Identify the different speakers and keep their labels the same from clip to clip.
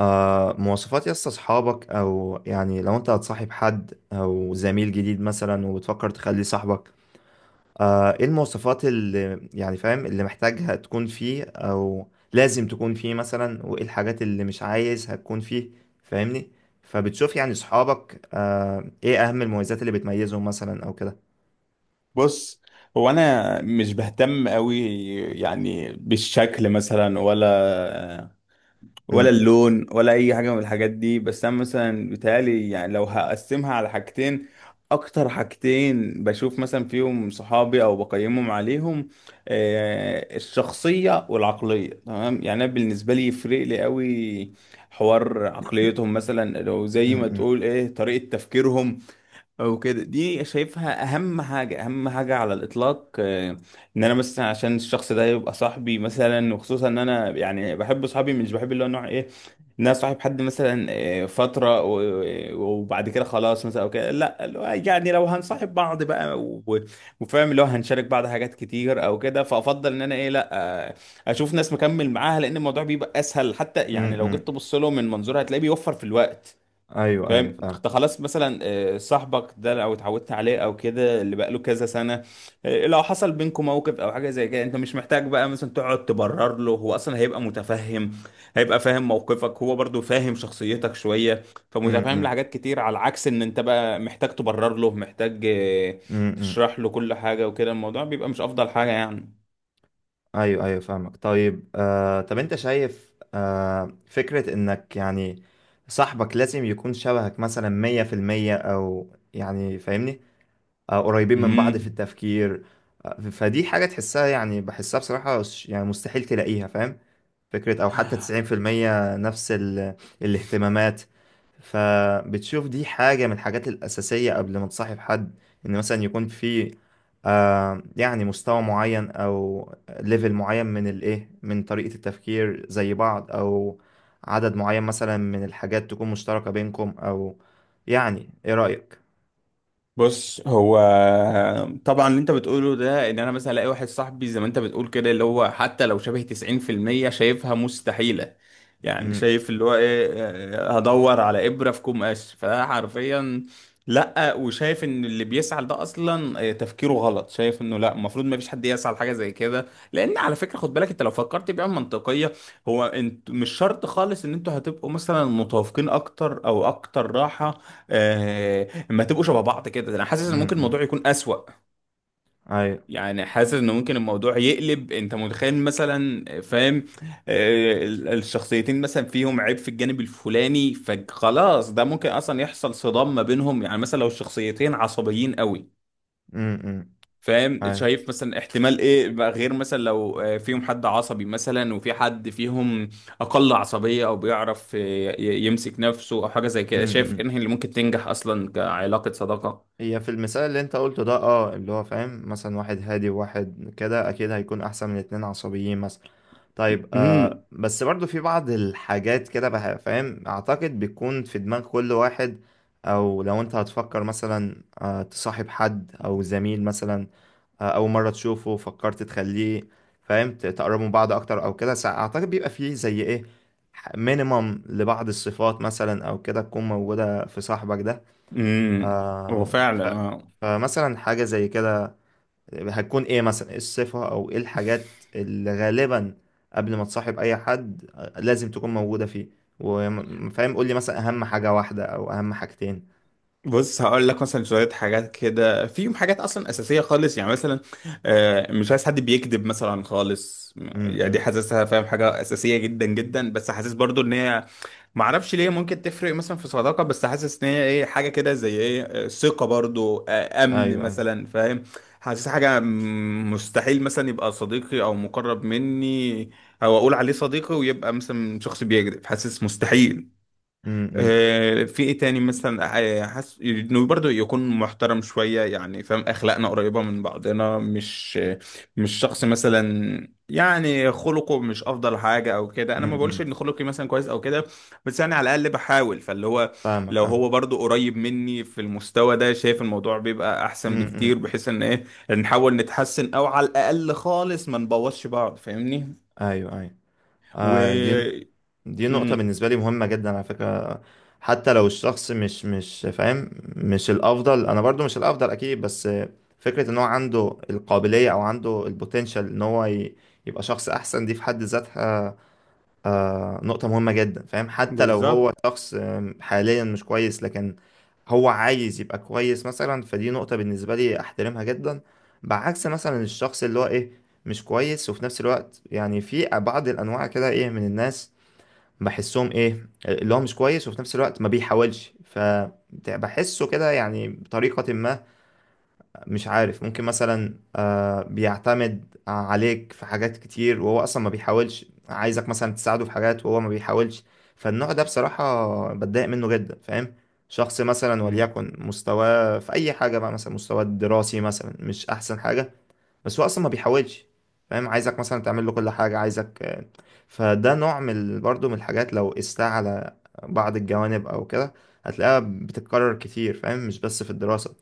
Speaker 1: مواصفات يس اصحابك، او يعني لو انت هتصاحب حد او زميل جديد مثلا وبتفكر تخليه صاحبك. ايه المواصفات اللي يعني فاهم اللي محتاجها تكون فيه او لازم تكون فيه مثلا، وايه الحاجات اللي مش عايزها تكون فيه؟ فاهمني؟ فبتشوف يعني صحابك، ايه اهم المميزات اللي بتميزهم مثلا او كده؟
Speaker 2: بص، هو انا مش بهتم قوي. يعني بالشكل مثلا ولا
Speaker 1: م-.
Speaker 2: اللون ولا اي حاجه من الحاجات دي، بس انا مثلا بيتهيألي يعني لو هقسمها على حاجتين، اكتر حاجتين بشوف مثلا فيهم صحابي او بقيمهم عليهم الشخصيه والعقليه. تمام، يعني انا بالنسبه لي يفرق لي قوي حوار عقليتهم، مثلا لو
Speaker 1: م-.
Speaker 2: زي ما
Speaker 1: م-.
Speaker 2: تقول ايه طريقه تفكيرهم او كده. دي شايفها اهم حاجه، اهم حاجه على الاطلاق ان انا مثلا عشان الشخص ده يبقى صاحبي، مثلا وخصوصا ان انا يعني بحب صحابي، مش بحب اللي هو نوع ايه ان انا صاحب حد مثلا فتره وبعد كده خلاص مثلا او كده، لا اللي هو يعني لو هنصاحب بعض بقى وفاهم اللي هو هنشارك بعض حاجات كتير او كده، فافضل ان انا ايه، لا آه، اشوف ناس مكمل معاها، لان الموضوع بيبقى اسهل، حتى
Speaker 1: م-.
Speaker 2: يعني لو جيت
Speaker 1: م.
Speaker 2: تبص له من منظور هتلاقيه بيوفر في الوقت.
Speaker 1: ايوه،
Speaker 2: فاهم
Speaker 1: ايوه، فاهم.
Speaker 2: انت خلاص مثلا صاحبك ده او اتعودت عليه او كده اللي بقاله كذا سنه لو حصل بينكم موقف او حاجه زي كده، انت مش محتاج بقى مثلا تقعد تبرر له، هو اصلا هيبقى متفهم، هيبقى فاهم موقفك، هو برضو فاهم شخصيتك شويه،
Speaker 1: م-.
Speaker 2: فمتفهم
Speaker 1: م-.
Speaker 2: لحاجات كتير، على عكس ان انت بقى محتاج تبرر له، محتاج
Speaker 1: م-. م.
Speaker 2: تشرح له كل حاجه، وكده الموضوع بيبقى مش افضل حاجه يعني.
Speaker 1: ايوه، ايوه، فاهمك. طيب، طب انت شايف، فكرة انك يعني صاحبك لازم يكون شبهك مثلا 100%، او يعني فاهمني؟ قريبين من بعض في
Speaker 2: امم
Speaker 1: التفكير. فدي حاجة تحسها، يعني بحسها بصراحة، يعني مستحيل تلاقيها، فاهم؟ فكرة أو حتى 90% نفس الاهتمامات. فبتشوف دي حاجة من الحاجات الأساسية قبل ما تصاحب حد، إن مثلا يكون في، يعني مستوى معين أو ليفل معين من من طريقة التفكير زي بعض، أو عدد معين مثلا من الحاجات تكون مشتركة بينكم، أو يعني إيه رأيك؟
Speaker 2: بص هو طبعا اللي انت بتقوله ده ان انا مثلا الاقي واحد صاحبي زي ما انت بتقول كده اللي هو حتى لو شبه 90% شايفها مستحيلة، يعني
Speaker 1: أمم،
Speaker 2: شايف اللي هو ايه هدور على ابرة في كوم قش، فده حرفيا. لا، وشايف ان اللي بيسعى ده اصلا تفكيره غلط، شايف انه لا، المفروض ما فيش حد يسعى لحاجة زي كده، لان على فكرة خد بالك، انت لو فكرت بيها منطقية، هو انت مش شرط خالص ان انتوا هتبقوا مثلا متوافقين اكتر او اكتر راحة آه، ما تبقوا شبه بعض، كده انا حاسس ان
Speaker 1: أمم،
Speaker 2: ممكن
Speaker 1: أمم،
Speaker 2: الموضوع يكون اسوأ،
Speaker 1: أيوه.
Speaker 2: يعني حاسس ان ممكن الموضوع يقلب، انت متخيل مثلا، فاهم الشخصيتين مثلا فيهم عيب في الجانب الفلاني، فخلاص ده ممكن اصلا يحصل صدام ما بينهم، يعني مثلا لو الشخصيتين عصبيين قوي.
Speaker 1: أمم، أمم،
Speaker 2: فاهم
Speaker 1: أيوه.
Speaker 2: شايف مثلا احتمال ايه بقى، غير مثلا لو فيهم حد عصبي مثلا وفي حد فيهم اقل عصبية، او بيعرف يمسك نفسه او حاجة زي
Speaker 1: م-.
Speaker 2: كده. شايف
Speaker 1: م.
Speaker 2: انهي اللي ممكن تنجح اصلا كعلاقة صداقة.
Speaker 1: هي في المثال اللي انت قلته ده، اللي هو فاهم مثلا، واحد هادي وواحد كده اكيد هيكون احسن من اتنين عصبيين مثلا. طيب، بس برضو في بعض الحاجات كده بقى، فاهم، اعتقد بتكون في دماغ كل واحد، او لو انت هتفكر مثلا تصاحب حد او زميل مثلا، اول مرة تشوفه فكرت تخليه فاهم، تقربوا من بعض اكتر او كده، اعتقد بيبقى فيه زي ايه مينيمم لبعض الصفات مثلا او كده تكون موجودة في صاحبك ده.
Speaker 2: امم هو
Speaker 1: آه ف...
Speaker 2: فعلا. اه،
Speaker 1: فمثلا حاجة زي كده هتكون ايه مثلا، ايه الصفة او ايه الحاجات اللي غالبا قبل ما تصاحب اي حد لازم تكون موجودة فيه. وفاهم، قول لي مثلا اهم حاجة واحدة او اهم حاجتين.
Speaker 2: بص هقول لك مثلا شويه حاجات كده، فيهم حاجات اصلا اساسيه خالص، يعني مثلا مش عايز حد بيكذب مثلا خالص، يعني دي
Speaker 1: امم.
Speaker 2: حاسسها فاهم حاجه اساسيه جدا جدا، بس حاسس برضو ان هي ما اعرفش ليه ممكن تفرق مثلا في صداقه، بس حاسس ان هي ايه، حاجه كده زي ايه ثقه برضو امن
Speaker 1: ايوه، ايوه.
Speaker 2: مثلا، فاهم، حاسس حاجه مستحيل مثلا يبقى صديقي او مقرب مني، او اقول عليه صديقي ويبقى مثلا شخص بيكذب، حاسس مستحيل.
Speaker 1: امم.
Speaker 2: في ايه تاني مثلا، حاسس انه برضه يكون محترم شويه، يعني فاهم اخلاقنا قريبه من بعضنا، مش مش شخص مثلا يعني خلقه مش افضل حاجه او كده. انا ما بقولش
Speaker 1: امم.
Speaker 2: ان خلقي مثلا كويس او كده، بس يعني على الاقل بحاول، فاللي هو
Speaker 1: فاهمك،
Speaker 2: لو
Speaker 1: فاهم.
Speaker 2: هو برضه قريب مني في المستوى ده، شايف الموضوع بيبقى احسن
Speaker 1: امم.
Speaker 2: بكتير، بحيث ان ايه نحاول نتحسن او على الاقل خالص ما نبوظش بعض، فاهمني.
Speaker 1: ايوه، ايوه.
Speaker 2: و
Speaker 1: آه دي دي نقطة
Speaker 2: مم،
Speaker 1: بالنسبة لي مهمة جدا على فكرة. حتى لو الشخص مش فاهم، مش الأفضل، أنا برضو مش الأفضل أكيد، بس فكرة إن هو عنده القابلية أو عنده البوتنشال إن هو يبقى شخص أحسن، دي في حد ذاتها نقطة مهمة جدا، فاهم، حتى لو هو
Speaker 2: بالظبط.
Speaker 1: شخص حاليا مش كويس، لكن هو عايز يبقى كويس مثلا، فدي نقطة بالنسبة لي أحترمها جدا. بعكس مثلا الشخص اللي هو مش كويس، وفي نفس الوقت يعني في بعض الأنواع كده من الناس بحسهم اللي هو مش كويس وفي نفس الوقت ما بيحاولش، فبحسه كده يعني بطريقة ما، مش عارف، ممكن مثلا بيعتمد عليك في حاجات كتير وهو اصلا ما بيحاولش، عايزك مثلا تساعده في حاجات وهو ما بيحاولش. فالنوع ده بصراحة بتضايق منه جدا، فاهم؟ شخص مثلا
Speaker 2: مم.
Speaker 1: وليكن مستواه في اي حاجة بقى، مثلا مستواه الدراسي مثلا مش احسن حاجة، بس هو اصلا ما بيحاولش، فاهم، عايزك مثلا تعمل له كل حاجه، عايزك فده نوع من برضه من الحاجات، لو قستها على بعض الجوانب او كده، هتلاقيها بتتكرر كتير، فاهم، مش بس في الدراسه.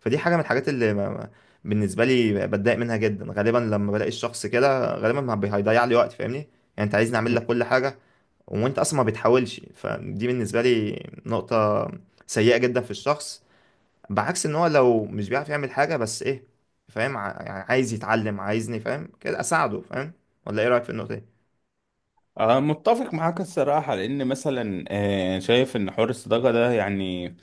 Speaker 1: فدي حاجه من الحاجات اللي بالنسبه لي بتضايق منها جدا، غالبا لما بلاقي الشخص كده غالبا ما بي- هيضيع لي وقت، فاهمني يعني. انت عايزني اعمل لك كل حاجه وانت اصلا ما بتحاولش، فدي بالنسبه لي نقطه سيئه جدا في الشخص. بعكس ان هو لو مش بيعرف يعمل حاجة بس فاهم، يعني عايز يتعلم، عايزني فاهم كده اساعده، فاهم؟ ولا ايه رأيك في النقطة دي؟
Speaker 2: أه متفق معاك الصراحة، لأن مثلا يعني شايف إن حوار الصداقة ده يعني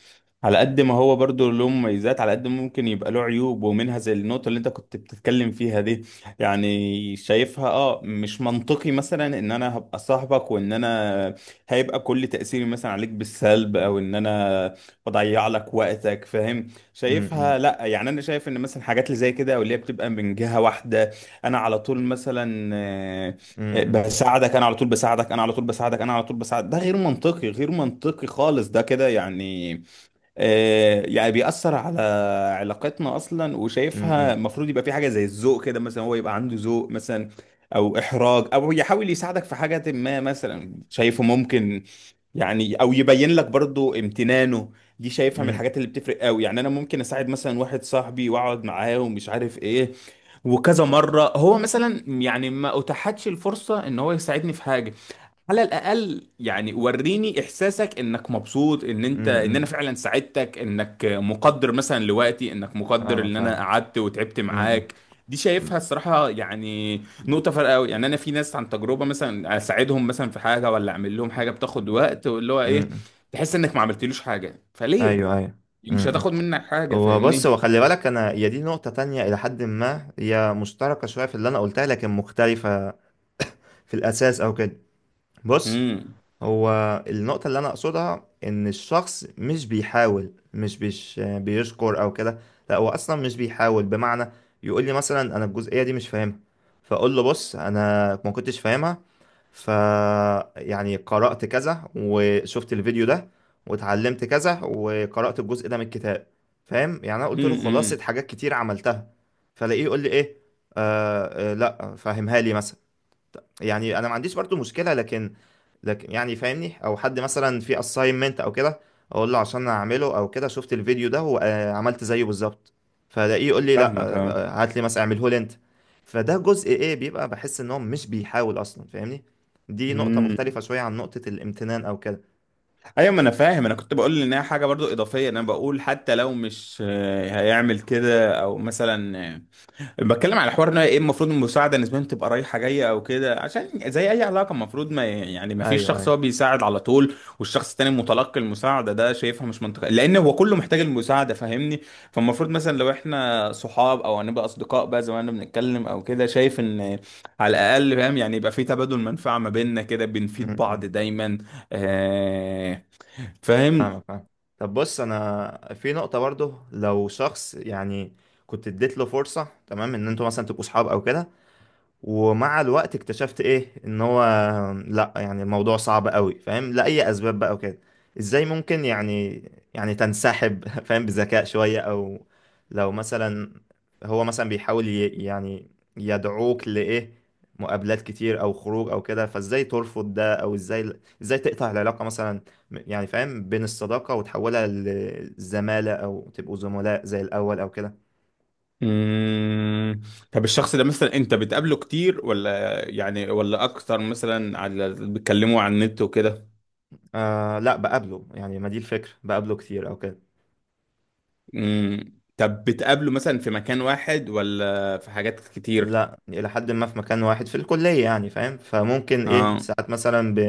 Speaker 2: على قد ما هو برضو له مميزات، على قد ما ممكن يبقى له عيوب، ومنها زي النقطة اللي أنت كنت بتتكلم فيها دي. يعني شايفها، أه مش منطقي مثلا إن أنا هبقى صاحبك، وإن أنا هيبقى كل تأثيري مثلا عليك بالسلب، أو إن أنا بضيع لك وقتك فاهم. شايفها
Speaker 1: أمم،
Speaker 2: لأ، يعني أنا شايف إن مثلا حاجات اللي زي كده أو اللي هي بتبقى من جهة واحدة، أنا على طول مثلا
Speaker 1: أمم،
Speaker 2: بساعدك انا على طول، بساعدك انا على طول، بساعدك انا على طول بساعدك، ده غير منطقي، غير منطقي خالص، ده كده يعني يعني بيأثر على علاقتنا أصلا. وشايفها
Speaker 1: أمم،
Speaker 2: المفروض يبقى في حاجة زي الذوق كده، مثلا هو يبقى عنده ذوق مثلا، أو إحراج، أو يحاول يساعدك في حاجة ما مثلا، شايفه ممكن يعني، أو يبين لك برضو امتنانه. دي شايفها من
Speaker 1: أمم،
Speaker 2: الحاجات اللي بتفرق قوي، يعني أنا ممكن أساعد مثلا واحد صاحبي، وأقعد معاه ومش عارف إيه، وكذا مرة هو مثلا يعني ما أتاحتش الفرصة إن هو يساعدني في حاجة. على الاقل يعني وريني احساسك انك مبسوط، ان انت ان انا
Speaker 1: أمم.
Speaker 2: فعلا ساعدتك، انك مقدر مثلا لوقتي، انك مقدر
Speaker 1: فاهمك،
Speaker 2: ان انا
Speaker 1: فاهم.
Speaker 2: قعدت وتعبت
Speaker 1: أمم،
Speaker 2: معاك. دي شايفها الصراحة يعني
Speaker 1: أمم،
Speaker 2: نقطة فارقة أوي. يعني أنا في ناس عن تجربة مثلا أساعدهم مثلا في حاجة، ولا أعمل لهم حاجة بتاخد وقت، واللي هو إيه
Speaker 1: أمم.
Speaker 2: تحس إنك ما عملتلوش حاجة، فليه؟
Speaker 1: ايوه، ايوه.
Speaker 2: مش
Speaker 1: أمم.
Speaker 2: هتاخد منك حاجة
Speaker 1: هو بص،
Speaker 2: فاهمني؟
Speaker 1: هو خلي بالك، انا هي دي نقطة تانية الى حد ما هي مشتركة شوية في اللي انا قلتها، لكن مختلفة في الاساس او كده. بص،
Speaker 2: امم.
Speaker 1: هو النقطة اللي أنا أقصدها إن الشخص مش بيحاول، مش بيش بيشكر أو كده. لا، هو أصلا مش بيحاول، بمعنى يقول لي مثلا أنا الجزئية دي مش فاهمها، فأقول له بص، أنا ما كنتش فاهمها، ف يعني قرأت كذا وشفت الفيديو ده واتعلمت كذا وقرأت الجزء ده من الكتاب، فاهم، يعني أنا قلت له
Speaker 2: امم.
Speaker 1: خلاصة
Speaker 2: إمم.
Speaker 1: حاجات كتير عملتها. فلاقيه يقول لي إيه، لا، فاهمها لي مثلا، يعني انا ما عنديش برضو مشكله، لكن لكن يعني فاهمني، او حد مثلا في assignment او كده، اقول له عشان اعمله او كده، شفت الفيديو ده وعملت زيه بالظبط، فلاقيه يقول لي لا،
Speaker 2: فاهمك أه.
Speaker 1: هات لي مثلا اعمله لي انت. فده جزء بيبقى بحس ان هو مش بيحاول اصلا، فاهمني؟ دي نقطه مختلفه
Speaker 2: إمم.
Speaker 1: شويه عن نقطه الامتنان او كده.
Speaker 2: ايوه، ما انا فاهم، انا كنت بقول انها حاجه برضو اضافيه، انا بقول حتى لو مش هيعمل كده او مثلا بتكلم على حوار ان هي ايه المفروض المساعده نسبيا تبقى رايحه جايه او كده، عشان زي اي علاقه المفروض ما يعني ما فيش
Speaker 1: ايوه،
Speaker 2: شخص
Speaker 1: ايوه.
Speaker 2: هو بيساعد على طول والشخص التاني متلقي المساعده، ده شايفها مش منطقي، لان هو كله محتاج المساعده فاهمني. فالمفروض مثلا لو احنا صحاب او هنبقى اصدقاء بقى، زي ما احنا بنتكلم او كده، شايف ان على الاقل فاهم، يعني يبقى في تبادل منفعه ما بيننا كده،
Speaker 1: م-.
Speaker 2: بنفيد بعض
Speaker 1: م.
Speaker 2: دايما. آه، فاهم.
Speaker 1: فاهمك، فاهم. طب بص، انا في نقطه برضو، لو شخص يعني كنت اديت له فرصه، تمام، ان انتوا مثلا تبقوا صحاب او كده، ومع الوقت اكتشفت ان هو لا، يعني الموضوع صعب قوي، فاهم، لأي اسباب بقى وكده، ازاي ممكن يعني، يعني تنسحب فاهم، بذكاء شوية، او لو مثلا هو مثلا بيحاول يعني يدعوك لإيه مقابلات كتير او خروج او كده، فازاي ترفض ده، او ازاي تقطع العلاقة مثلا؟ يعني فاهم، بين الصداقة وتحولها لزمالة او تبقوا زملاء زي الاول او كده.
Speaker 2: مم. طب الشخص ده مثلا انت بتقابله كتير، ولا يعني ولا اكتر مثلا على بتكلموا على النت وكده.
Speaker 1: لا، بقابله، يعني ما دي الفكرة، بقابله كتير او كده.
Speaker 2: مم. طب بتقابله مثلا في مكان واحد ولا في حاجات كتير.
Speaker 1: لا، إلى حد ما في مكان واحد، في الكلية يعني، فاهم، فممكن
Speaker 2: اه.
Speaker 1: ساعات مثلا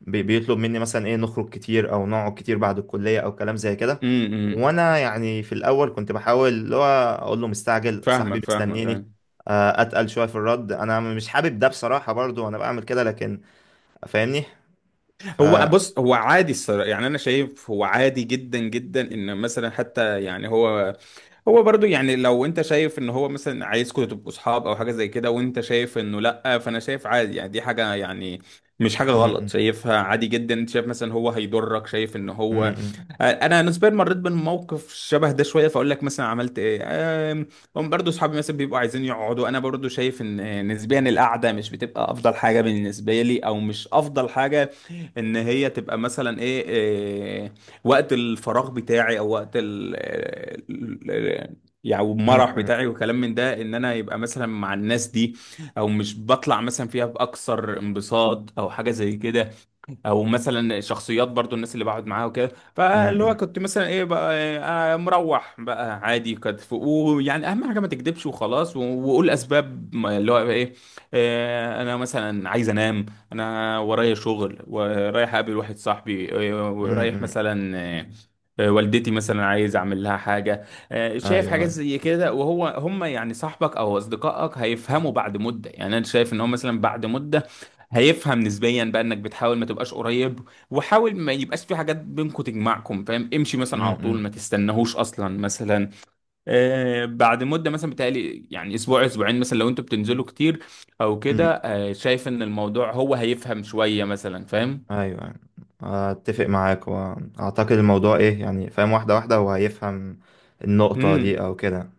Speaker 1: بيطلب مني مثلا نخرج كتير أو نقعد كتير بعد الكلية أو كلام زي كده.
Speaker 2: امم.
Speaker 1: وأنا يعني في الأول كنت بحاول اللي هو أقول له مستعجل، صاحبي
Speaker 2: فاهمك، فاهمك، أيوة.
Speaker 1: مستنيني، أتقل شوية في الرد، أنا مش حابب ده بصراحة، برضو أنا بعمل كده، لكن فاهمني.
Speaker 2: هو
Speaker 1: م-.
Speaker 2: بص هو عادي الصراحة، يعني انا شايف هو عادي جدا جدا، ان مثلا حتى يعني هو، هو برضو يعني لو انت شايف ان هو مثلا عايزكم تبقوا صحاب او حاجه زي كده، وانت شايف انه لا، فانا شايف عادي، يعني دي حاجه، يعني مش حاجه غلط،
Speaker 1: م-.
Speaker 2: شايفها عادي جدا. انت شايف مثلا هو هيضرك، شايف ان
Speaker 1: م-.
Speaker 2: هو
Speaker 1: م-.
Speaker 2: انا نسبيا مريت بموقف شبه ده شويه، فاقول لك مثلا عملت ايه. آم، هم برضو صحابي مثلا بيبقوا عايزين يقعدوا، انا برضو شايف ان نسبيا القعده مش بتبقى افضل حاجه بالنسبه لي، او مش افضل حاجه ان هي تبقى مثلا ايه, إيه وقت الفراغ بتاعي، او وقت ال- ال- يعني المرح
Speaker 1: م-.
Speaker 2: بتاعي وكلام من ده، ان انا يبقى مثلا مع الناس دي، او مش بطلع مثلا فيها باكثر انبساط او حاجه زي كده، او مثلا شخصيات برضو الناس اللي بقعد معاها وكده،
Speaker 1: م-.
Speaker 2: فاللي هو
Speaker 1: م-.
Speaker 2: كنت مثلا ايه بقى، إيه، مروح بقى عادي، كانت ويعني اهم حاجه ما تكدبش وخلاص، وقول اسباب اللي هو ايه، انا مثلا عايز انام، انا ورايا شغل، ورايح اقابل واحد صاحبي
Speaker 1: م-.
Speaker 2: ورايح
Speaker 1: م-.
Speaker 2: مثلا والدتي مثلا عايز اعمل لها حاجه
Speaker 1: أيوه،
Speaker 2: شايف حاجات
Speaker 1: أيوه.
Speaker 2: زي كده. وهو هم يعني صاحبك او اصدقائك هيفهموا بعد مده، يعني انا شايف ان هم مثلا بعد مده هيفهم نسبيا بقى انك بتحاول ما تبقاش قريب، وحاول ما يبقاش في حاجات بينكم تجمعكم، فاهم، امشي مثلا على طول
Speaker 1: م-.
Speaker 2: ما تستناهوش اصلا مثلا. آه بعد مده، مثلا بتهيألي يعني اسبوع اسبوعين مثلا لو انتوا بتنزلوا كتير او كده،
Speaker 1: م-.
Speaker 2: آه شايف ان الموضوع هو هيفهم شويه مثلا فاهم.
Speaker 1: ايوه، اتفق معاك، واعتقد الموضوع يعني فاهم واحده واحده هو هيفهم النقطه دي
Speaker 2: امم.
Speaker 1: او كده.